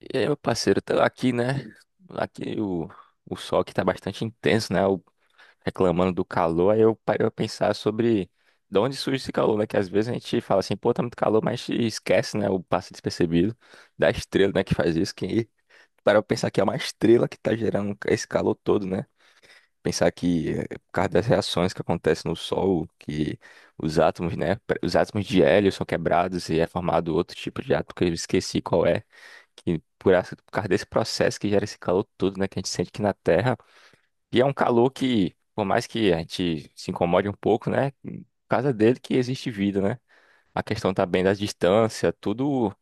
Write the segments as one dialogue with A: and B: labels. A: E aí, meu parceiro, tá aqui, né? Aqui o sol que tá bastante intenso, né? Reclamando do calor, aí eu parei a pensar sobre de onde surge esse calor, né? Que às vezes a gente fala assim, pô, tá muito calor, mas esquece, né? O passo despercebido da estrela, né? Que faz isso, que para eu pensar que é uma estrela que tá gerando esse calor todo, né? Pensar que é por causa das reações que acontecem no Sol, que os átomos, né? Os átomos de hélio são quebrados e é formado outro tipo de átomo que eu esqueci qual é que por, por causa desse processo que gera esse calor todo, né, que a gente sente aqui na Terra. E é um calor que, por mais que a gente se incomode um pouco, né, por causa dele que existe vida, né? A questão também da distância, tudo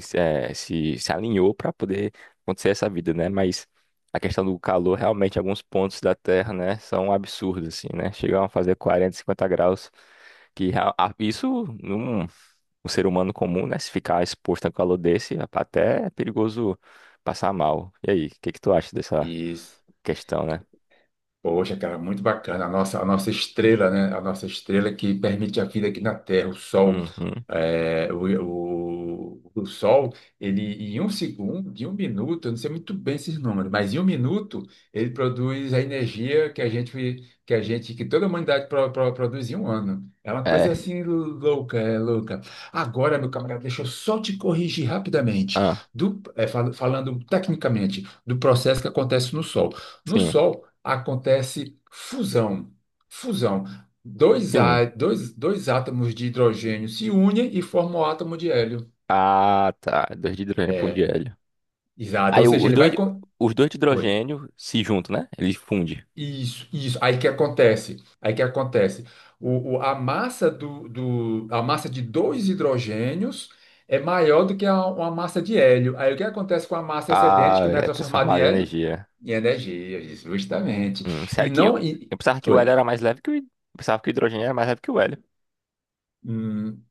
A: se, eh, se alinhou para poder acontecer essa vida, né? Mas a questão do calor, realmente, alguns pontos da Terra, né, são absurdos, assim, né? Chegam a fazer 40, 50 graus, que isso num um ser humano comum, né? Se ficar exposto a um calor desse, até é perigoso passar mal. E aí, o que que tu acha dessa
B: Isso.
A: questão, né?
B: Poxa, cara, muito bacana. A nossa estrela, né? A nossa estrela que permite a vida aqui na Terra, o Sol.
A: Uhum.
B: É, o Sol, ele em um segundo, em um minuto, eu não sei muito bem esses números, mas em um minuto ele produz a energia que a gente, que toda a humanidade produz em um ano. É uma coisa
A: É.
B: assim louca, é louca. Agora, meu camarada, deixa eu só te corrigir rapidamente
A: Ah,
B: falando tecnicamente do processo que acontece no Sol. No
A: sim.
B: Sol acontece fusão. Fusão. Dois,
A: Sim.
B: á- dois, dois átomos de hidrogênio se unem e formam o átomo de hélio.
A: Ah, tá. Dois de hidrogênio para um de
B: É,
A: hélio.
B: exato.
A: Aí
B: Ou seja, ele vai.
A: os dois de
B: Oi.
A: hidrogênio se juntam, né? Eles fundem.
B: Isso, isso. Aí que acontece. Aí que acontece. A massa a massa de dois hidrogênios é maior do que uma massa de hélio. Aí o que acontece com a massa excedente
A: Ah,
B: que não é
A: é
B: transformada em
A: transformado em
B: hélio?
A: energia.
B: Em energia, isso, justamente.
A: Sério
B: E
A: que eu,
B: não. E,
A: eu pensava que o hélio
B: oi.
A: era mais leve que eu pensava que o hidrogênio era mais leve que o hélio.
B: Hum,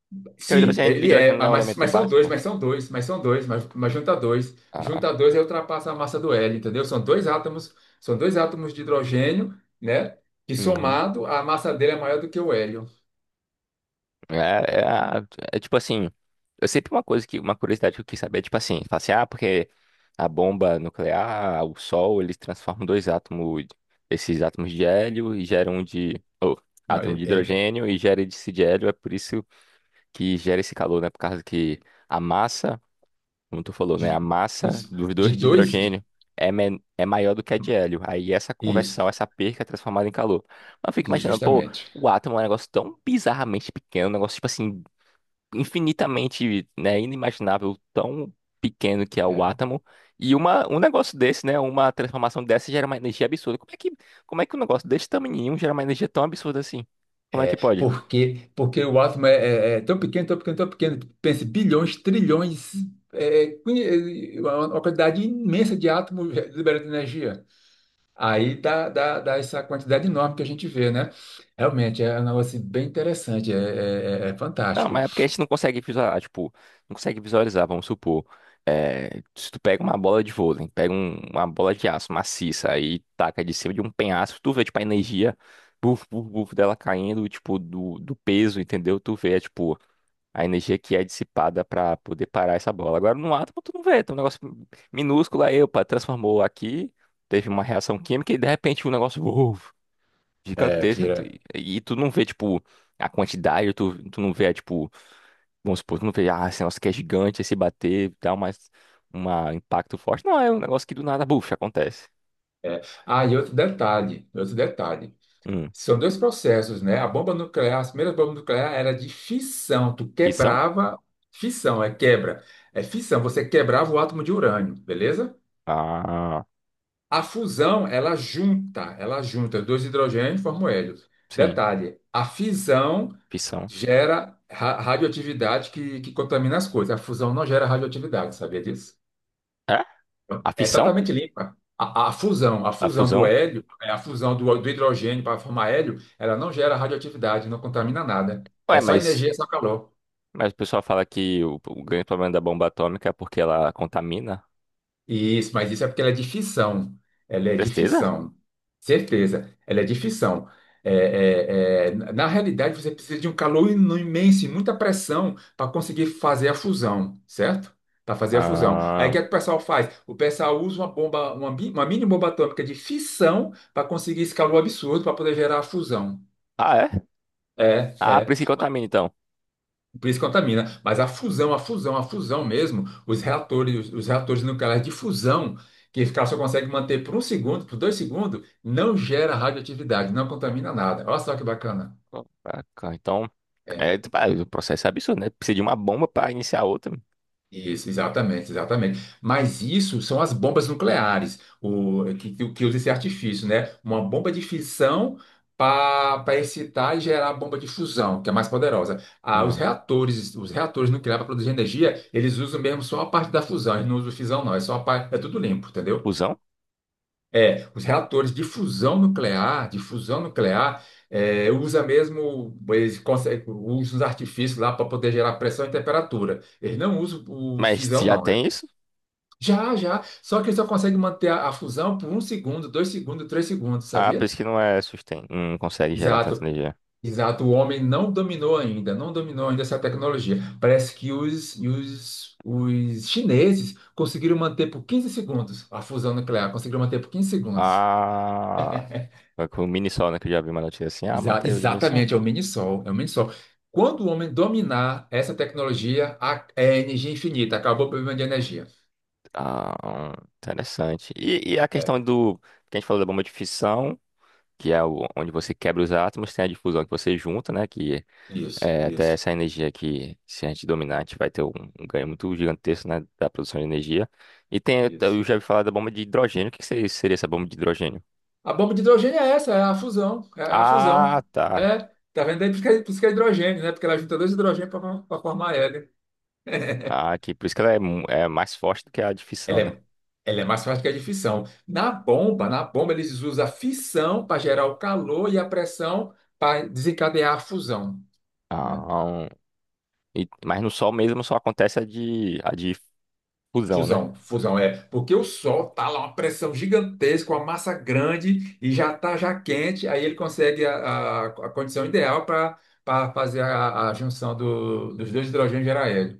A: Porque
B: sim,
A: o
B: ele é,
A: hidrogênio não é um
B: mas,
A: elemento básico.
B: mas são dois, mas junta dois.
A: Ah,
B: Junta dois aí ultrapassa a massa do hélio, entendeu? São dois átomos de hidrogênio, né? Que
A: uhum.
B: somado, a massa dele é maior do que o hélio.
A: É, é, a- É tipo assim, eu sempre uma coisa que, uma curiosidade que eu quis saber, é tipo assim, fala assim, ah, porque a bomba nuclear, o sol, eles transformam dois átomos, esses átomos de hélio e geram oh,
B: Não,
A: átomo
B: ele,
A: de
B: ele-
A: hidrogênio e gera esse de hélio, é por isso que gera esse calor, né? Por causa que a massa como tu falou, né? A
B: de,
A: massa
B: isso,
A: dos
B: de
A: dois de
B: dois,
A: hidrogênio é, é maior do que a de hélio. Aí essa
B: isso,
A: conversão, essa perca é transformada em calor. Mas eu fico imaginando, pô,
B: justamente.
A: o átomo é um negócio tão bizarramente pequeno, um negócio, tipo assim, infinitamente, né, inimaginável, tão pequeno que é o
B: É,
A: átomo. E uma, um negócio desse, né, uma transformação dessa gera uma energia absurda. Como é que um negócio desse tamanhinho gera uma energia tão absurda assim? Como é
B: é,
A: que pode?
B: porque o átomo é, é tão pequeno, tão pequeno, tão pequeno, pense bilhões, trilhões, uma quantidade imensa de átomos, liberando energia. Aí dá essa quantidade enorme que a gente vê, né? Realmente é um negócio assim, bem interessante, é
A: Não,
B: fantástico.
A: mas é porque a gente não consegue visualizar, tipo, não consegue visualizar, vamos supor. É, se tu pega uma bola de vôlei, pega uma bola de aço maciça aí taca de cima de um penhasco, tu vê, tipo, a energia, buf, buf, buf, dela caindo, tipo, do peso, entendeu? Tu vê, tipo, a energia que é dissipada pra poder parar essa bola. Agora, no átomo, tu não vê, tem um negócio minúsculo aí, opa, transformou aqui, teve uma reação química e, de repente, um negócio, uf,
B: É,
A: gigantesco, tu-
B: vira,
A: e, tu não vê, tipo, a quantidade, tu não vê, tipo. Vamos supor, tu não vê, ah, esse negócio que é gigante, esse bater, dá mais um impacto forte. Não, é um negócio que do nada, buf, acontece.
B: é. Ah, e outro detalhe, outro detalhe.
A: Hum,
B: São dois processos, né? A bomba nuclear, as primeiras bombas nucleares era de fissão. Tu
A: fissão?
B: quebrava, fissão é quebra, é fissão. Você quebrava o átomo de urânio, beleza?
A: Ah,
B: A fusão, ela junta dois hidrogênios e forma o hélio.
A: sim,
B: Detalhe, a fisão
A: fissão.
B: gera radioatividade que contamina as coisas. A fusão não gera radioatividade, sabia disso?
A: É? A
B: É
A: fissão?
B: totalmente limpa. A fusão, a
A: A
B: fusão do
A: fusão?
B: hélio, a fusão do hidrogênio para formar hélio, ela não gera radioatividade, não contamina nada. É
A: Ué,
B: só energia,
A: mas,
B: é só calor.
A: mas o pessoal fala que o grande problema da bomba atômica é porque ela contamina.
B: Isso, mas isso é porque ela é de ficção. Ela é de
A: Certeza?
B: ficção. Certeza, ela é de ficção. É, é, é, na realidade, você precisa de um calor imenso e muita pressão para conseguir fazer a fusão, certo? Para fazer a fusão. Aí o
A: Ah,
B: que é que o pessoal faz? O pessoal usa uma mini bomba atômica de fissão para conseguir esse calor absurdo para poder gerar a fusão.
A: ah, é?
B: É,
A: Ah, por
B: é.
A: isso que contamina, então.
B: Por isso contamina. Mas a fusão mesmo, os reatores, reatores nucleares de fusão, que o cara só consegue manter por um segundo, por 2 segundos, não gera radioatividade, não contamina nada. Olha só que bacana.
A: Ah, então, é,
B: É.
A: tipo, ah, o processo é absurdo, né? Precisa de uma bomba para iniciar outra.
B: Isso, exatamente, exatamente. Mas isso são as bombas nucleares, o, que, que usa esse artifício, né? Uma bomba de fissão para excitar e gerar a bomba de fusão, que é mais poderosa. Ah,
A: Ah,
B: os reatores nucleares para produzir energia, eles usam mesmo só a parte da fusão, eles não usam fissão, não, é só a parte, é tudo limpo, entendeu?
A: fusão?
B: É, os reatores de fusão nuclear, usa mesmo, eles conseguem, usam os artifícios lá para poder gerar pressão e temperatura. Eles não usam o
A: Mas
B: fissão,
A: já
B: não.
A: tem isso?
B: Já, já. Só que ele só consegue manter a fusão por um segundo, 2 segundos, 3 segundos,
A: Ah, por
B: sabia?
A: isso que não é sustain. Não consegue gerar tanta
B: Exato.
A: energia.
B: Exato. O homem não dominou ainda, não dominou ainda essa tecnologia. Parece que os chineses conseguiram manter por 15 segundos a fusão nuclear, conseguiram manter por 15 segundos.
A: Ah, é com o mini sol, né? Que eu já vi uma notícia assim. Ah, manteve o de mini sol.
B: Exatamente, é o mini-sol, é o mini-sol. Quando o homem dominar essa tecnologia, é energia infinita, acabou o problema de energia.
A: Ah, interessante. E a questão
B: É,
A: do. Que a gente falou da bomba de fissão, que é onde você quebra os átomos, tem a difusão que você junta, né? Que
B: isso,
A: é até
B: isso,
A: essa energia que, se a gente dominar, a gente vai ter um, um ganho muito gigantesco, né? Da produção de energia. E tem. Eu
B: isso.
A: já vi falar da bomba de hidrogênio. O que que seria essa bomba de hidrogênio?
B: A bomba de hidrogênio é essa, é a fusão. É a fusão.
A: Ah, tá.
B: É, tá vendo aí? Por isso que é, por isso que é hidrogênio, né? Porque ela junta dois hidrogênios para formar hélio.
A: Ah, aqui, por isso que ela é, é mais forte do que a de fissão,
B: Ela
A: né?
B: é, ela é mais fácil que a de fissão. Na bomba, eles usam a fissão para gerar o calor e a pressão para desencadear a fusão. Né?
A: Ah, um- mas no Sol mesmo só acontece a de fusão, né?
B: Fusão, fusão é porque o Sol tá lá uma pressão gigantesca, uma massa grande e já tá já quente, aí ele consegue a condição ideal para fazer a junção dos dois hidrogênios e gerar hélio.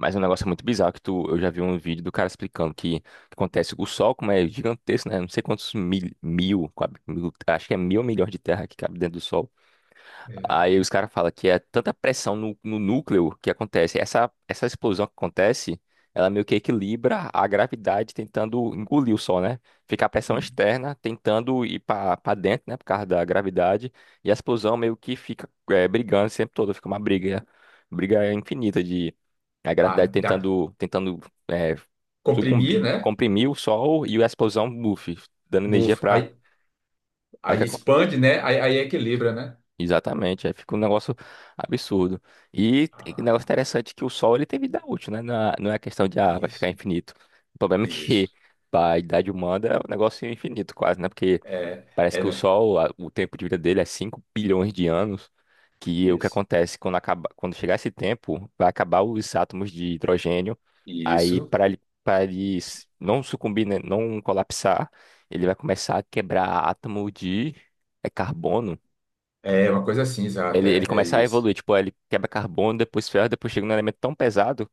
A: Mas é um negócio muito bizarro que tu, eu já vi um vídeo do cara explicando que acontece o Sol, como é gigantesco, né? Não sei quantos mil, mil, quadri- mil- acho que é mil milhões de terra que cabe dentro do Sol.
B: É.
A: Aí os caras falam que é tanta pressão no núcleo que acontece. Essa explosão que acontece, ela meio que equilibra a gravidade tentando engolir o Sol, né? Fica a pressão externa tentando ir para dentro, né? Por causa da gravidade. E a explosão meio que fica é, brigando sempre todo. Fica uma briga infinita de a
B: A,
A: gravidade
B: da,
A: tentando é,
B: Comprimir,
A: sucumbir, é
B: né?
A: comprimir o Sol e a explosão, buff, dando energia
B: Move.
A: para.
B: Aí expande, né? Aí equilibra, né?
A: Exatamente, aí fica um negócio absurdo. E tem um
B: Ah,
A: negócio interessante que o Sol ele tem vida útil, né? Não é questão de ah, vai ficar
B: isso,
A: infinito. O problema é
B: isso.
A: que para a idade humana é um negócio infinito quase, né? Porque
B: É,
A: parece
B: é,
A: que o
B: né?
A: Sol, o tempo de vida dele é 5 bilhões de anos, que o que
B: Isso,
A: acontece quando acaba, quando chegar esse tempo, vai acabar os átomos de hidrogênio. Aí
B: isso.
A: para ele não sucumbir, né? Não colapsar, ele vai começar a quebrar átomo de é carbono.
B: É uma coisa assim, exato.
A: Ele
B: É
A: começa a
B: isso.
A: evoluir, tipo, ele quebra carbono, depois ferro, depois chega num elemento tão pesado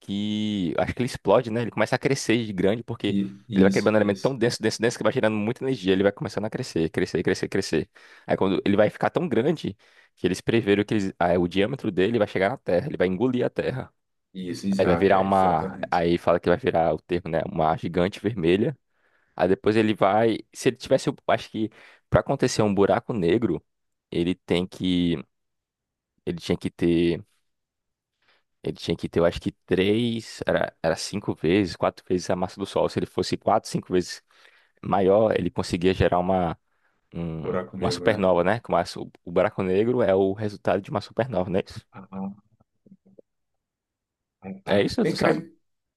A: que acho que ele explode, né? Ele começa a crescer de grande porque ele vai
B: Isso,
A: quebrando um elemento tão
B: isso,
A: denso, denso, denso que vai gerando muita energia. Ele vai começando a crescer, crescer, crescer, crescer. Aí quando ele vai ficar tão grande que eles preveram que ah, é, o diâmetro dele vai chegar na Terra, ele vai engolir a Terra.
B: isso,
A: Aí vai
B: exato.
A: virar
B: É
A: uma.
B: exatamente.
A: Aí fala que vai virar o termo, né? Uma gigante vermelha. Aí depois ele vai. Se ele tivesse. Acho que pra acontecer um buraco negro, ele tem que. Ele tinha que ter. Ele tinha que ter, eu acho que três, era cinco vezes, quatro vezes a massa do Sol. Se ele fosse quatro, cinco vezes maior, ele conseguia gerar uma,
B: Buraco
A: uma
B: negro, né?
A: supernova, né? Como o buraco negro é o resultado de uma supernova, não é isso?
B: Ah, ah, ah,
A: É
B: ah.
A: isso, tu
B: Vem cá,
A: sabe?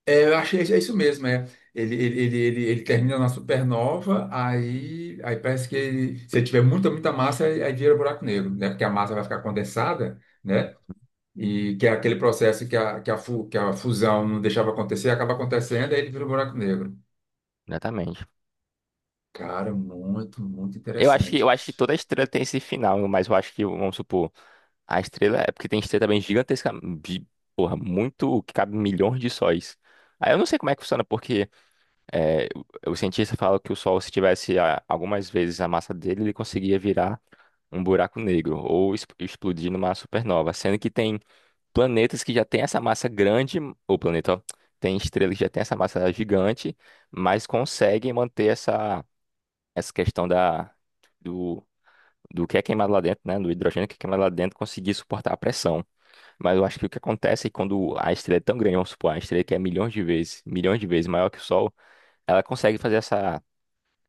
B: é, eu achei é isso mesmo, é. Ele termina na supernova, aí parece que se ele tiver muita, muita massa, aí vira buraco negro, né? Porque a massa vai ficar condensada, né? E que é aquele processo que a fusão não deixava acontecer, acaba acontecendo, aí ele vira um buraco negro.
A: Exatamente.
B: Cara, muito, muito interessante.
A: Eu acho que toda estrela tem esse final, mas eu acho que, vamos supor, a estrela é porque tem estrela também gigantesca, porra, muito, que cabe milhões de sóis. Aí eu não sei como é que funciona, porque é, o cientista fala que o Sol, se tivesse algumas vezes a massa dele, ele conseguia virar um buraco negro ou explodir numa supernova, sendo que tem planetas que já têm essa massa grande, ou planeta, ó, tem estrelas que já têm essa massa gigante, mas conseguem manter essa, essa questão da, do, do que é queimado lá dentro, né, do hidrogênio que é queimado lá dentro, conseguir suportar a pressão. Mas eu acho que o que acontece é quando a estrela é tão grande, vamos supor, a estrela que é milhões de vezes maior que o Sol, ela consegue fazer essa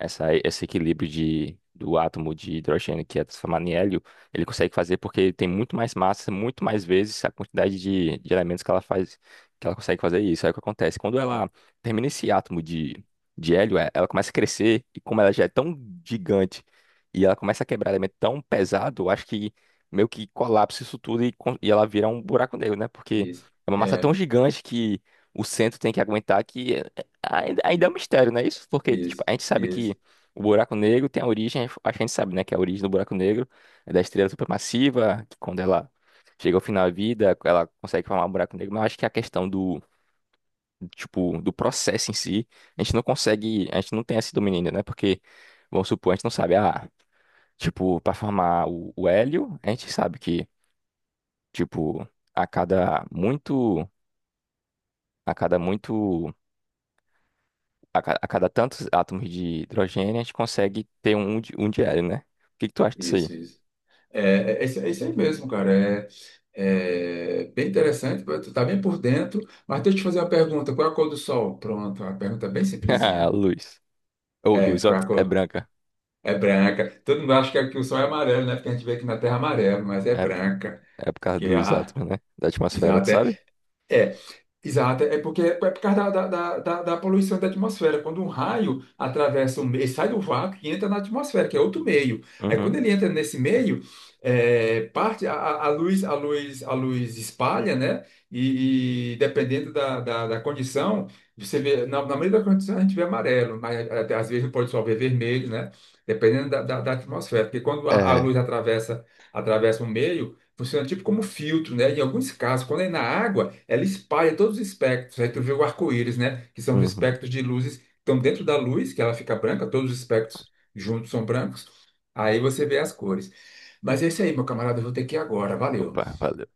A: esse equilíbrio de, do átomo de hidrogênio que é transformado em hélio, ele consegue fazer porque ele tem muito mais massa, muito mais vezes a quantidade de, elementos que ela faz, que ela consegue fazer isso. Aí o que acontece? Quando ela termina esse átomo de, hélio, é, ela começa a crescer, e como ela já é tão gigante e ela começa a quebrar elemento tão pesado, eu acho que meio que colapsa isso tudo e, e ela vira um buraco negro, né? Porque
B: Isso,
A: é uma massa tão
B: é,
A: gigante que o centro tem que aguentar que. Ainda é um mistério, né? Isso porque tipo,
B: isso,
A: a gente sabe que
B: isso,
A: o buraco negro tem a origem, acho que a gente sabe, né? Que é a origem do buraco negro é da estrela supermassiva, que quando ela chega ao final da vida, ela consegue formar um buraco negro, mas eu acho que a questão do, tipo, do processo em si, a gente não consegue, a gente não tem esse domínio ainda, né? Porque, vamos supor, a gente não sabe, ah, tipo, para formar o hélio, a gente sabe que, tipo, a cada muito, a cada muito a cada tantos átomos de hidrogênio, a gente consegue ter um, um de diário, né? O que que tu acha disso
B: isso,
A: aí?
B: isso. É, é, é isso é isso aí mesmo, cara. É bem interessante, tu tá bem por dentro. Mas deixa eu te fazer uma pergunta: qual é a cor do Sol? Pronto, a pergunta é bem
A: Ah,
B: simplesinha.
A: luz. Ou
B: É,
A: luz, ó,
B: qual é a
A: é
B: cor?
A: branca.
B: É branca. Todo mundo acha que aqui o Sol é amarelo, né? Porque a gente vê aqui na Terra amarelo, mas é
A: É, p-
B: branca.
A: É por causa
B: Que é
A: dos
B: a,
A: átomos, né? Da atmosfera, tu
B: Exato, é,
A: sabe?
B: é. Exato, é porque é por causa da poluição da atmosfera. Quando um raio atravessa sai do vácuo e entra na atmosfera, que é outro meio. Aí quando
A: Uhum.
B: ele entra nesse meio, parte a luz espalha, né? E dependendo da condição, você vê, na maioria das condições a gente vê amarelo, mas até às vezes pode só ver vermelho, né? Dependendo da atmosfera. Porque quando a
A: É.
B: luz atravessa, atravessa um meio, funciona tipo como filtro, né? Em alguns casos, quando é na água, ela espalha todos os espectros. Aí tu vê o arco-íris, né? Que são os
A: Uhum.
B: espectros de luzes que estão dentro da luz, que ela fica branca, todos os espectros juntos são brancos. Aí você vê as cores. Mas é isso aí, meu camarada, eu vou ter que ir agora. Valeu.
A: Opa, valeu.